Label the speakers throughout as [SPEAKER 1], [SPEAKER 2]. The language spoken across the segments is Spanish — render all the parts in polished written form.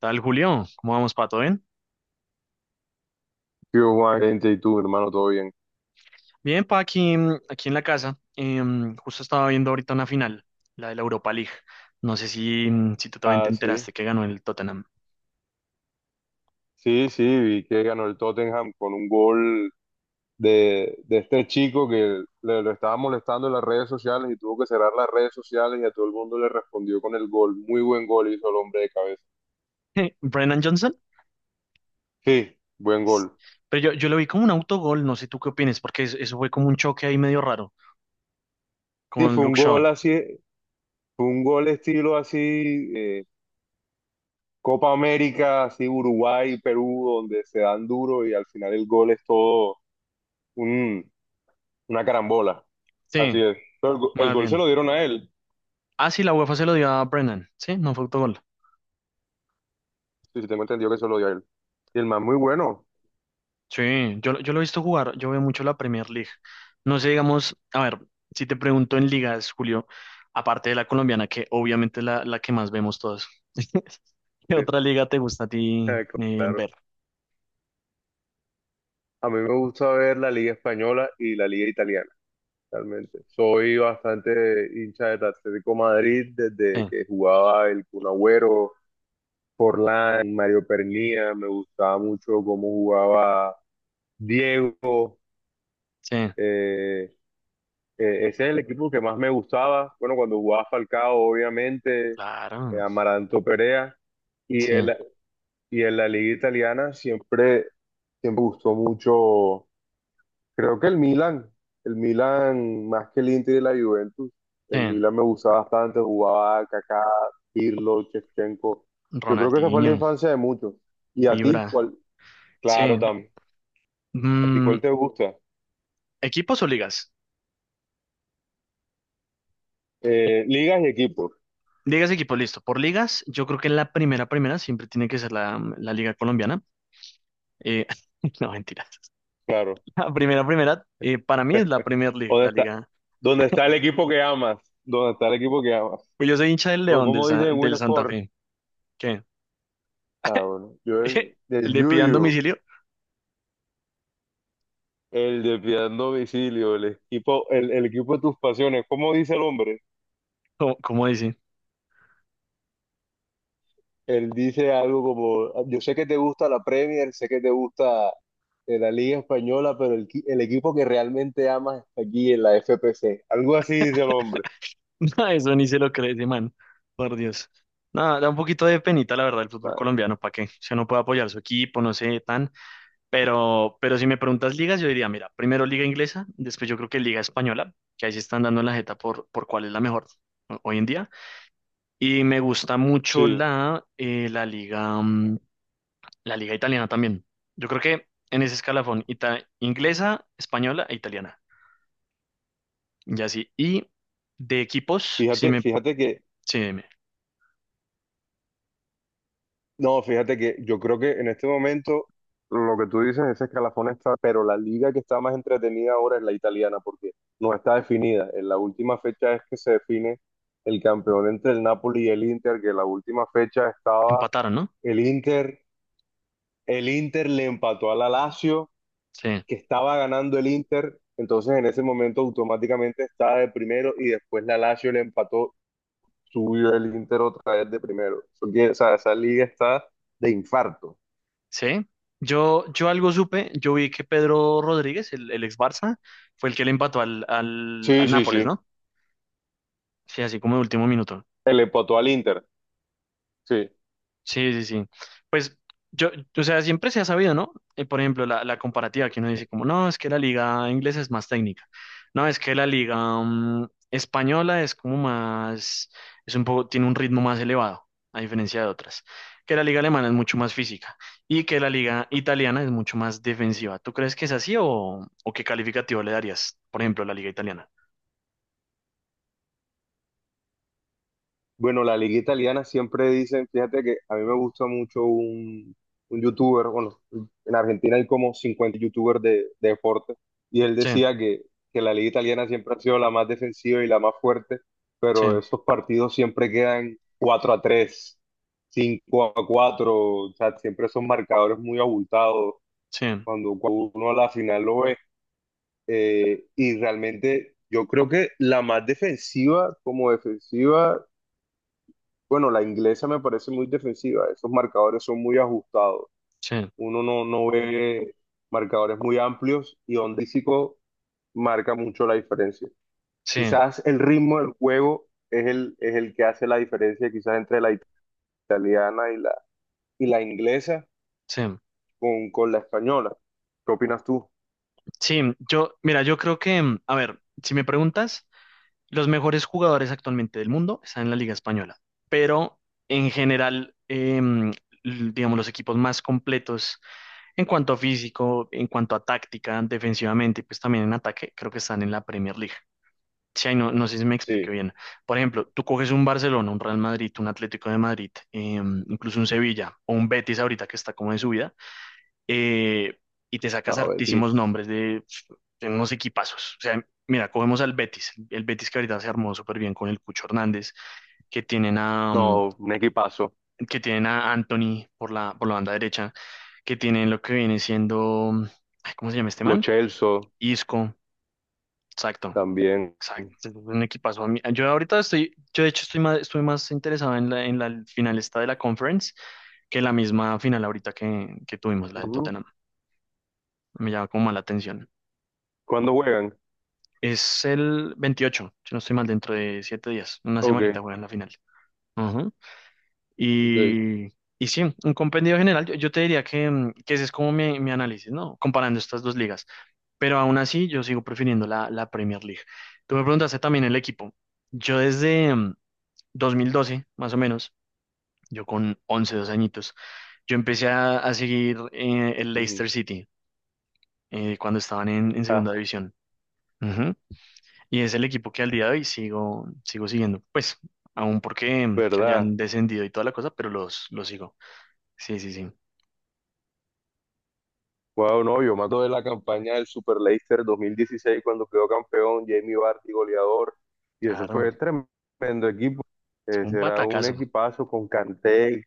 [SPEAKER 1] Tal, Julio, ¿cómo vamos, Pato? ¿Bien?
[SPEAKER 2] ¿Qué hubo, Valencia? ¿Y tú, hermano? ¿Todo bien?
[SPEAKER 1] Bien, pa, aquí, aquí en la casa. Justo estaba viendo ahorita una final, la de la Europa League. No sé si, si tú también te
[SPEAKER 2] Ah, sí.
[SPEAKER 1] enteraste que ganó el Tottenham.
[SPEAKER 2] Sí, sí, vi que ganó el Tottenham con un gol de este chico que lo estaba molestando en las redes sociales y tuvo que cerrar las redes sociales y a todo el mundo le respondió con el gol. Muy buen gol hizo el hombre de cabeza.
[SPEAKER 1] Brennan Johnson.
[SPEAKER 2] Sí, buen gol.
[SPEAKER 1] Pero yo lo vi como un autogol, no sé tú qué opinas, porque eso fue como un choque ahí medio raro
[SPEAKER 2] Sí,
[SPEAKER 1] con
[SPEAKER 2] fue un
[SPEAKER 1] Luke Shaw.
[SPEAKER 2] gol así, fue un gol estilo así, eh, Copa América, así Uruguay, Perú, donde se dan duro y al final el gol es todo un- una carambola.
[SPEAKER 1] Sí,
[SPEAKER 2] Así es. Pero el
[SPEAKER 1] más
[SPEAKER 2] gol se
[SPEAKER 1] bien.
[SPEAKER 2] lo dieron a él.
[SPEAKER 1] Ah, sí, la UEFA se lo dio a Brennan, sí, no fue autogol.
[SPEAKER 2] Sí, sí, tengo entendido que se lo dio a él. Y el más muy bueno.
[SPEAKER 1] Sí, yo, yo lo he visto jugar, yo veo mucho la Premier League. No sé, digamos, a ver, si te pregunto en ligas, Julio, aparte de la colombiana, que obviamente es la que más vemos todos, ¿qué otra liga te gusta a ti
[SPEAKER 2] Eh, Claro.
[SPEAKER 1] ver?
[SPEAKER 2] A mí me gusta ver la Liga Española y la Liga Italiana, realmente. Soy bastante hincha del Atlético Madrid
[SPEAKER 1] Sí,
[SPEAKER 2] desde que jugaba el Kun Agüero, Forlán, Mario Pernía. Me gustaba mucho cómo jugaba Diego.
[SPEAKER 1] sí,
[SPEAKER 2] Eh, ese es el equipo que más me gustaba. Bueno, cuando jugaba Falcao, obviamente,
[SPEAKER 1] claro,
[SPEAKER 2] Amaranto Perea. Y
[SPEAKER 1] sí,
[SPEAKER 2] el, Y en la liga italiana siempre gustó mucho, creo que el Milan más que el Inter y la Juventus, el
[SPEAKER 1] sí,
[SPEAKER 2] Milan me gustaba bastante, jugaba Kaká, Pirlo, Shevchenko. Yo creo que esa fue la
[SPEAKER 1] Ronaldinho,
[SPEAKER 2] infancia de muchos. ¿Y a ti
[SPEAKER 1] Ibra,
[SPEAKER 2] cuál? Claro,
[SPEAKER 1] sí.
[SPEAKER 2] también. ¿A ti cuál
[SPEAKER 1] Mm,
[SPEAKER 2] te gusta?
[SPEAKER 1] ¿Equipos o ligas?
[SPEAKER 2] Ligas y equipos,
[SPEAKER 1] Ligas, equipos, listo. Por ligas, yo creo que la primera, primera siempre tiene que ser la liga colombiana. Eh, no, mentira.
[SPEAKER 2] claro.
[SPEAKER 1] La primera, primera, para mí es la Premier League,
[SPEAKER 2] ¿Dónde
[SPEAKER 1] la
[SPEAKER 2] está,
[SPEAKER 1] liga.
[SPEAKER 2] ¿dónde está el equipo que amas? ¿Dónde está el equipo que amas?
[SPEAKER 1] Pues yo soy hincha del
[SPEAKER 2] ¿O
[SPEAKER 1] León
[SPEAKER 2] como dicen en Win?
[SPEAKER 1] Del Santa Fe. ¿Qué?
[SPEAKER 2] Ah, bueno, yo del
[SPEAKER 1] ¿Le pidan
[SPEAKER 2] Yuyu.
[SPEAKER 1] domicilio?
[SPEAKER 2] El de Piedad Domicilio, el equipo, el equipo de tus pasiones. ¿Cómo dice el hombre?
[SPEAKER 1] ¿Cómo, cómo dice?
[SPEAKER 2] Él dice algo como, yo sé que te gusta la Premier, sé que te gusta la Liga Española, pero el equipo que realmente amas está aquí en la FPC. Algo así dice el hombre.
[SPEAKER 1] No, eso ni se lo cree ese man. Por Dios. No, da un poquito de penita, la verdad, el fútbol
[SPEAKER 2] Ah,
[SPEAKER 1] colombiano, ¿para qué? Se no puede apoyar su equipo, no sé, tan. Pero si me preguntas ligas, yo diría, mira, primero liga inglesa, después yo creo que liga española, que ahí se están dando en la jeta por cuál es la mejor hoy en día. Y me gusta mucho
[SPEAKER 2] sí,
[SPEAKER 1] la, la liga. La liga italiana también. Yo creo que en ese escalafón, inglesa, española e italiana. Ya sí. Y de equipos, sí me,
[SPEAKER 2] fíjate que
[SPEAKER 1] sí me
[SPEAKER 2] no, fíjate que yo creo que en este momento lo que tú dices, ese escalafón está, pero la liga que está más entretenida ahora es la italiana porque no está definida. En la última fecha es que se define el campeón entre el Napoli y el Inter, que en la última fecha estaba
[SPEAKER 1] empataron, ¿no?
[SPEAKER 2] el Inter, el Inter le empató a la Lazio,
[SPEAKER 1] Sí,
[SPEAKER 2] que estaba ganando el Inter, entonces en ese momento automáticamente estaba de primero y después la Lazio le empató, subió el Inter otra vez de primero. O sea, esa liga está de infarto.
[SPEAKER 1] sí. Yo algo supe, yo vi que Pedro Rodríguez, el ex Barça, fue el que le empató al, al,
[SPEAKER 2] Sí,
[SPEAKER 1] al
[SPEAKER 2] sí, sí.
[SPEAKER 1] Nápoles, ¿no? Sí, así como de último minuto.
[SPEAKER 2] El empató al Inter. Sí.
[SPEAKER 1] Sí, sí, sí. Pues yo, o sea, siempre se ha sabido, ¿no? Por ejemplo, la comparativa que uno dice como, no, es que la liga inglesa es más técnica. No, es que la liga española es como más, es un poco, tiene un ritmo más elevado, a diferencia de otras. Que la liga alemana es mucho más física y que la liga italiana es mucho más defensiva. ¿Tú crees que es así o qué calificativo le darías, por ejemplo, a la liga italiana?
[SPEAKER 2] Bueno, la liga italiana siempre dicen, fíjate que a mí me gusta mucho un youtuber, bueno, en Argentina hay como 50 youtubers de deporte, y él
[SPEAKER 1] Sí,
[SPEAKER 2] decía que la liga italiana siempre ha sido la más defensiva y la más fuerte, pero
[SPEAKER 1] sí,
[SPEAKER 2] esos partidos siempre quedan 4-3, 5-4, o sea, siempre son marcadores muy abultados.
[SPEAKER 1] sí,
[SPEAKER 2] Cuando uno a la final lo ve, eh, y realmente yo creo que la más defensiva como defensiva, bueno, la inglesa me parece muy defensiva, esos marcadores son muy ajustados,
[SPEAKER 1] sí,
[SPEAKER 2] uno no, no ve marcadores muy amplios y Ondícico marca mucho la diferencia.
[SPEAKER 1] sí,
[SPEAKER 2] Quizás el ritmo del juego es el que hace la diferencia quizás entre la italiana y y la inglesa
[SPEAKER 1] sí.
[SPEAKER 2] con la española. ¿Qué opinas tú?
[SPEAKER 1] Sí, yo, mira, yo creo que, a ver, si me preguntas, los mejores jugadores actualmente del mundo están en la Liga Española, pero en general, digamos, los equipos más completos en cuanto a físico, en cuanto a táctica, defensivamente y pues también en ataque, creo que están en la Premier League. Sí, ahí no, no sé si me expliqué
[SPEAKER 2] Sí,
[SPEAKER 1] bien. Por ejemplo, tú coges un Barcelona, un Real Madrid, un Atlético de Madrid, incluso un Sevilla o un Betis ahorita que está como en subida eh, y te
[SPEAKER 2] no,
[SPEAKER 1] sacas hartísimos
[SPEAKER 2] Betis.
[SPEAKER 1] nombres de unos equipazos. O sea, mira, cogemos al Betis, el Betis que ahorita se armó súper bien con el Cucho Hernández, que tienen a,
[SPEAKER 2] No, un equipazo.
[SPEAKER 1] que tienen a Anthony por la banda derecha, que tienen lo que viene siendo, ay, ¿cómo se llama este
[SPEAKER 2] Lo
[SPEAKER 1] man?
[SPEAKER 2] Chelsea.
[SPEAKER 1] Isco, exacto.
[SPEAKER 2] También.
[SPEAKER 1] Exacto, es un equipazo. Yo ahorita estoy, yo de hecho estoy más interesado en la final esta de la conference que la misma final ahorita que tuvimos, la del
[SPEAKER 2] Ujú.
[SPEAKER 1] Tottenham. Me llama como más la atención.
[SPEAKER 2] ¿Cuándo juegan?
[SPEAKER 1] Es el 28 si no estoy mal, dentro de 7 días. Una semanita
[SPEAKER 2] Ok,
[SPEAKER 1] juegan la final. Ujú.
[SPEAKER 2] ok.
[SPEAKER 1] Y sí, un compendio general. Yo te diría que, que ese es como mi análisis, ¿no? Comparando estas dos ligas. Pero aún así, yo sigo prefiriendo la Premier League. Tú me preguntaste también el equipo. Yo desde 2012 más o menos, yo con once dos añitos, yo empecé a seguir el
[SPEAKER 2] Ujú.
[SPEAKER 1] Leicester City cuando estaban en segunda
[SPEAKER 2] Ah,
[SPEAKER 1] división. Y es el equipo que al día de hoy sigo, sigo siguiendo. Pues, aún porque
[SPEAKER 2] verdad.
[SPEAKER 1] hayan descendido y toda la cosa, pero los sigo. Sí, sí, sí.
[SPEAKER 2] Wow, no, yo me acuerdo de la campaña del Super Leicester 2016 cuando quedó campeón Jamie Vardy, goleador. Y ese
[SPEAKER 1] Claro.
[SPEAKER 2] fue tremendo equipo.
[SPEAKER 1] Fue un
[SPEAKER 2] Ese era un
[SPEAKER 1] batacazo.
[SPEAKER 2] equipazo con Kanté,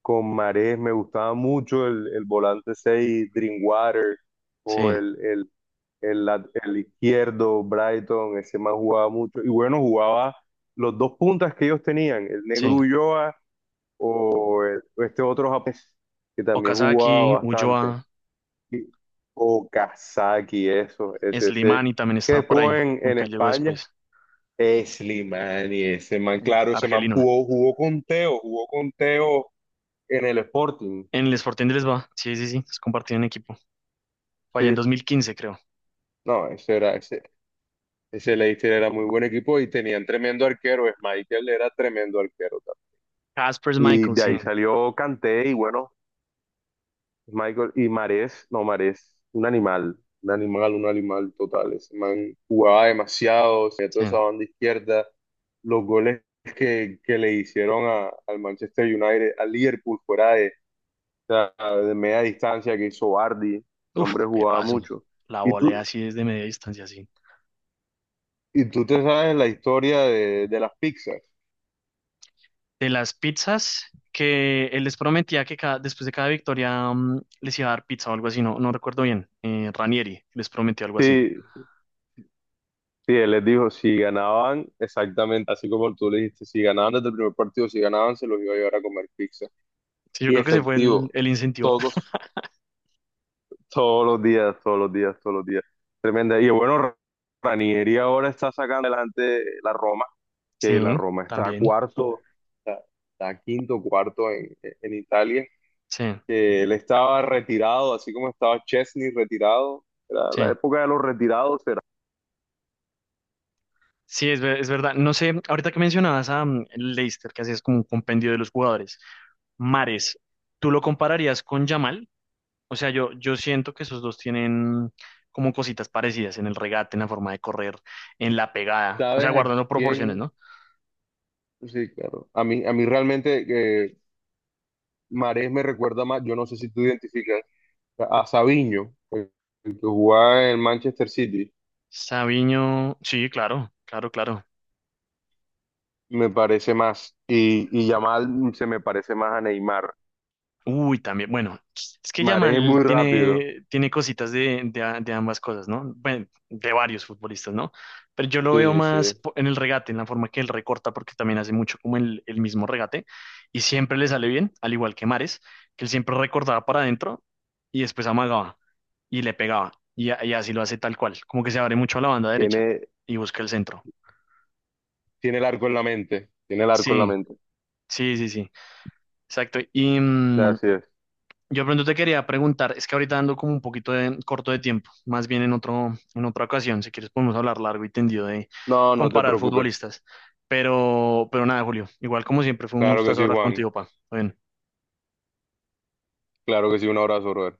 [SPEAKER 2] con Mahrez. Me gustaba mucho el volante 6 Drinkwater, o
[SPEAKER 1] Sí,
[SPEAKER 2] el, lat- el izquierdo, Brighton. Ese más jugaba mucho. Y bueno, jugaba los dos puntas que ellos tenían, el Negro
[SPEAKER 1] sí.
[SPEAKER 2] Ulloa o este otro japonés que también jugaba
[SPEAKER 1] Okazaki,
[SPEAKER 2] bastante,
[SPEAKER 1] Ulloa,
[SPEAKER 2] y- o Kazaki, eso, ese,
[SPEAKER 1] Slimani también
[SPEAKER 2] que
[SPEAKER 1] estaba
[SPEAKER 2] después
[SPEAKER 1] por
[SPEAKER 2] jugó
[SPEAKER 1] ahí,
[SPEAKER 2] en
[SPEAKER 1] aunque él llegó
[SPEAKER 2] España,
[SPEAKER 1] después,
[SPEAKER 2] es Slimani, ese man,
[SPEAKER 1] el
[SPEAKER 2] claro, ese man
[SPEAKER 1] argelino.
[SPEAKER 2] jugó con Teo en el Sporting,
[SPEAKER 1] En el Sporting de Lisboa. Sí, sí, sí. Es compartido en equipo. Fue allá en
[SPEAKER 2] sí,
[SPEAKER 1] 2015, creo.
[SPEAKER 2] no, ese Leicester era muy buen equipo y tenían tremendo arquero, Michael era tremendo arquero también.
[SPEAKER 1] Caspers
[SPEAKER 2] Y
[SPEAKER 1] Michael,
[SPEAKER 2] de ahí
[SPEAKER 1] sí.
[SPEAKER 2] salió Kanté y bueno, Michael y Marés, no, Marés, un animal, un animal, un animal total. Ese man jugaba demasiado, se
[SPEAKER 1] Sí.
[SPEAKER 2] toda esa banda izquierda. Los goles que le hicieron al Manchester United, al Liverpool, fuera de, o sea, de media distancia que hizo Vardy, el
[SPEAKER 1] Uf,
[SPEAKER 2] hombre
[SPEAKER 1] me
[SPEAKER 2] jugaba
[SPEAKER 1] paso.
[SPEAKER 2] mucho.
[SPEAKER 1] La
[SPEAKER 2] Y
[SPEAKER 1] volea
[SPEAKER 2] tú,
[SPEAKER 1] así desde media distancia, sí.
[SPEAKER 2] y tú te sabes la historia de las pizzas.
[SPEAKER 1] De las pizzas, que él les prometía que después de cada victoria les iba a dar pizza o algo así, no, no recuerdo bien. Ranieri les prometió algo así.
[SPEAKER 2] Sí, sí, él les dijo, si ganaban, exactamente así como tú le dijiste, si ganaban desde el primer partido, si ganaban, se los iba a llevar a comer pizza.
[SPEAKER 1] Sí, yo
[SPEAKER 2] Y
[SPEAKER 1] creo que ese fue
[SPEAKER 2] efectivo.
[SPEAKER 1] el incentivo.
[SPEAKER 2] Todos, todos los días, todos los días, todos los días. Tremenda. Y bueno, Ranieri ahora está sacando adelante la Roma, que la
[SPEAKER 1] Sí,
[SPEAKER 2] Roma está
[SPEAKER 1] también.
[SPEAKER 2] cuarto, está, está quinto, cuarto en Italia,
[SPEAKER 1] Sí,
[SPEAKER 2] que él estaba retirado, así como estaba Chesney retirado. Era
[SPEAKER 1] sí.
[SPEAKER 2] la época de los retirados, era.
[SPEAKER 1] Sí, es, es verdad. No sé, ahorita que mencionabas a Leicester, que hacías como un compendio de los jugadores. Mares, ¿tú lo compararías con Yamal? O sea, yo siento que esos dos tienen como cositas parecidas en el regate, en la forma de correr, en la pegada, o sea,
[SPEAKER 2] ¿Sabes a
[SPEAKER 1] guardando proporciones,
[SPEAKER 2] quién?
[SPEAKER 1] ¿no?
[SPEAKER 2] Sí, claro. A mí realmente Marés me recuerda más, yo no sé si tú identificas, a Sabiño, el que jugaba en Manchester City.
[SPEAKER 1] Sabiño, sí, claro, claro, claro.
[SPEAKER 2] Me parece más. Y Yamal se me parece más a Neymar.
[SPEAKER 1] Uy, también, bueno, es que
[SPEAKER 2] Mareje
[SPEAKER 1] Yamal
[SPEAKER 2] muy rápido.
[SPEAKER 1] tiene, tiene cositas de, de ambas cosas, ¿no? Bueno, de varios futbolistas, ¿no? Pero yo lo veo
[SPEAKER 2] Sí,
[SPEAKER 1] más
[SPEAKER 2] sí.
[SPEAKER 1] en el regate, en la forma que él recorta, porque también hace mucho como el mismo regate, y siempre le sale bien, al igual que Mares, que él siempre recortaba para adentro y después amagaba y le pegaba, y, y así lo hace tal cual, como que se abre mucho a la banda derecha
[SPEAKER 2] Tiene,
[SPEAKER 1] y busca el centro.
[SPEAKER 2] tiene el arco en la mente. Tiene el arco en la
[SPEAKER 1] Sí,
[SPEAKER 2] mente.
[SPEAKER 1] sí, sí, sí, exacto. Y.
[SPEAKER 2] Así es.
[SPEAKER 1] Yo pronto te quería preguntar, es que ahorita ando como un poquito de, corto de tiempo, más bien en otro, en otra ocasión, si quieres podemos hablar largo y tendido de
[SPEAKER 2] No, no te
[SPEAKER 1] comparar
[SPEAKER 2] preocupes.
[SPEAKER 1] futbolistas, pero nada, Julio, igual como siempre fue un
[SPEAKER 2] Claro que
[SPEAKER 1] gustazo
[SPEAKER 2] sí,
[SPEAKER 1] hablar
[SPEAKER 2] Juan.
[SPEAKER 1] contigo, pa. Bueno.
[SPEAKER 2] Claro que sí. Un abrazo, brother.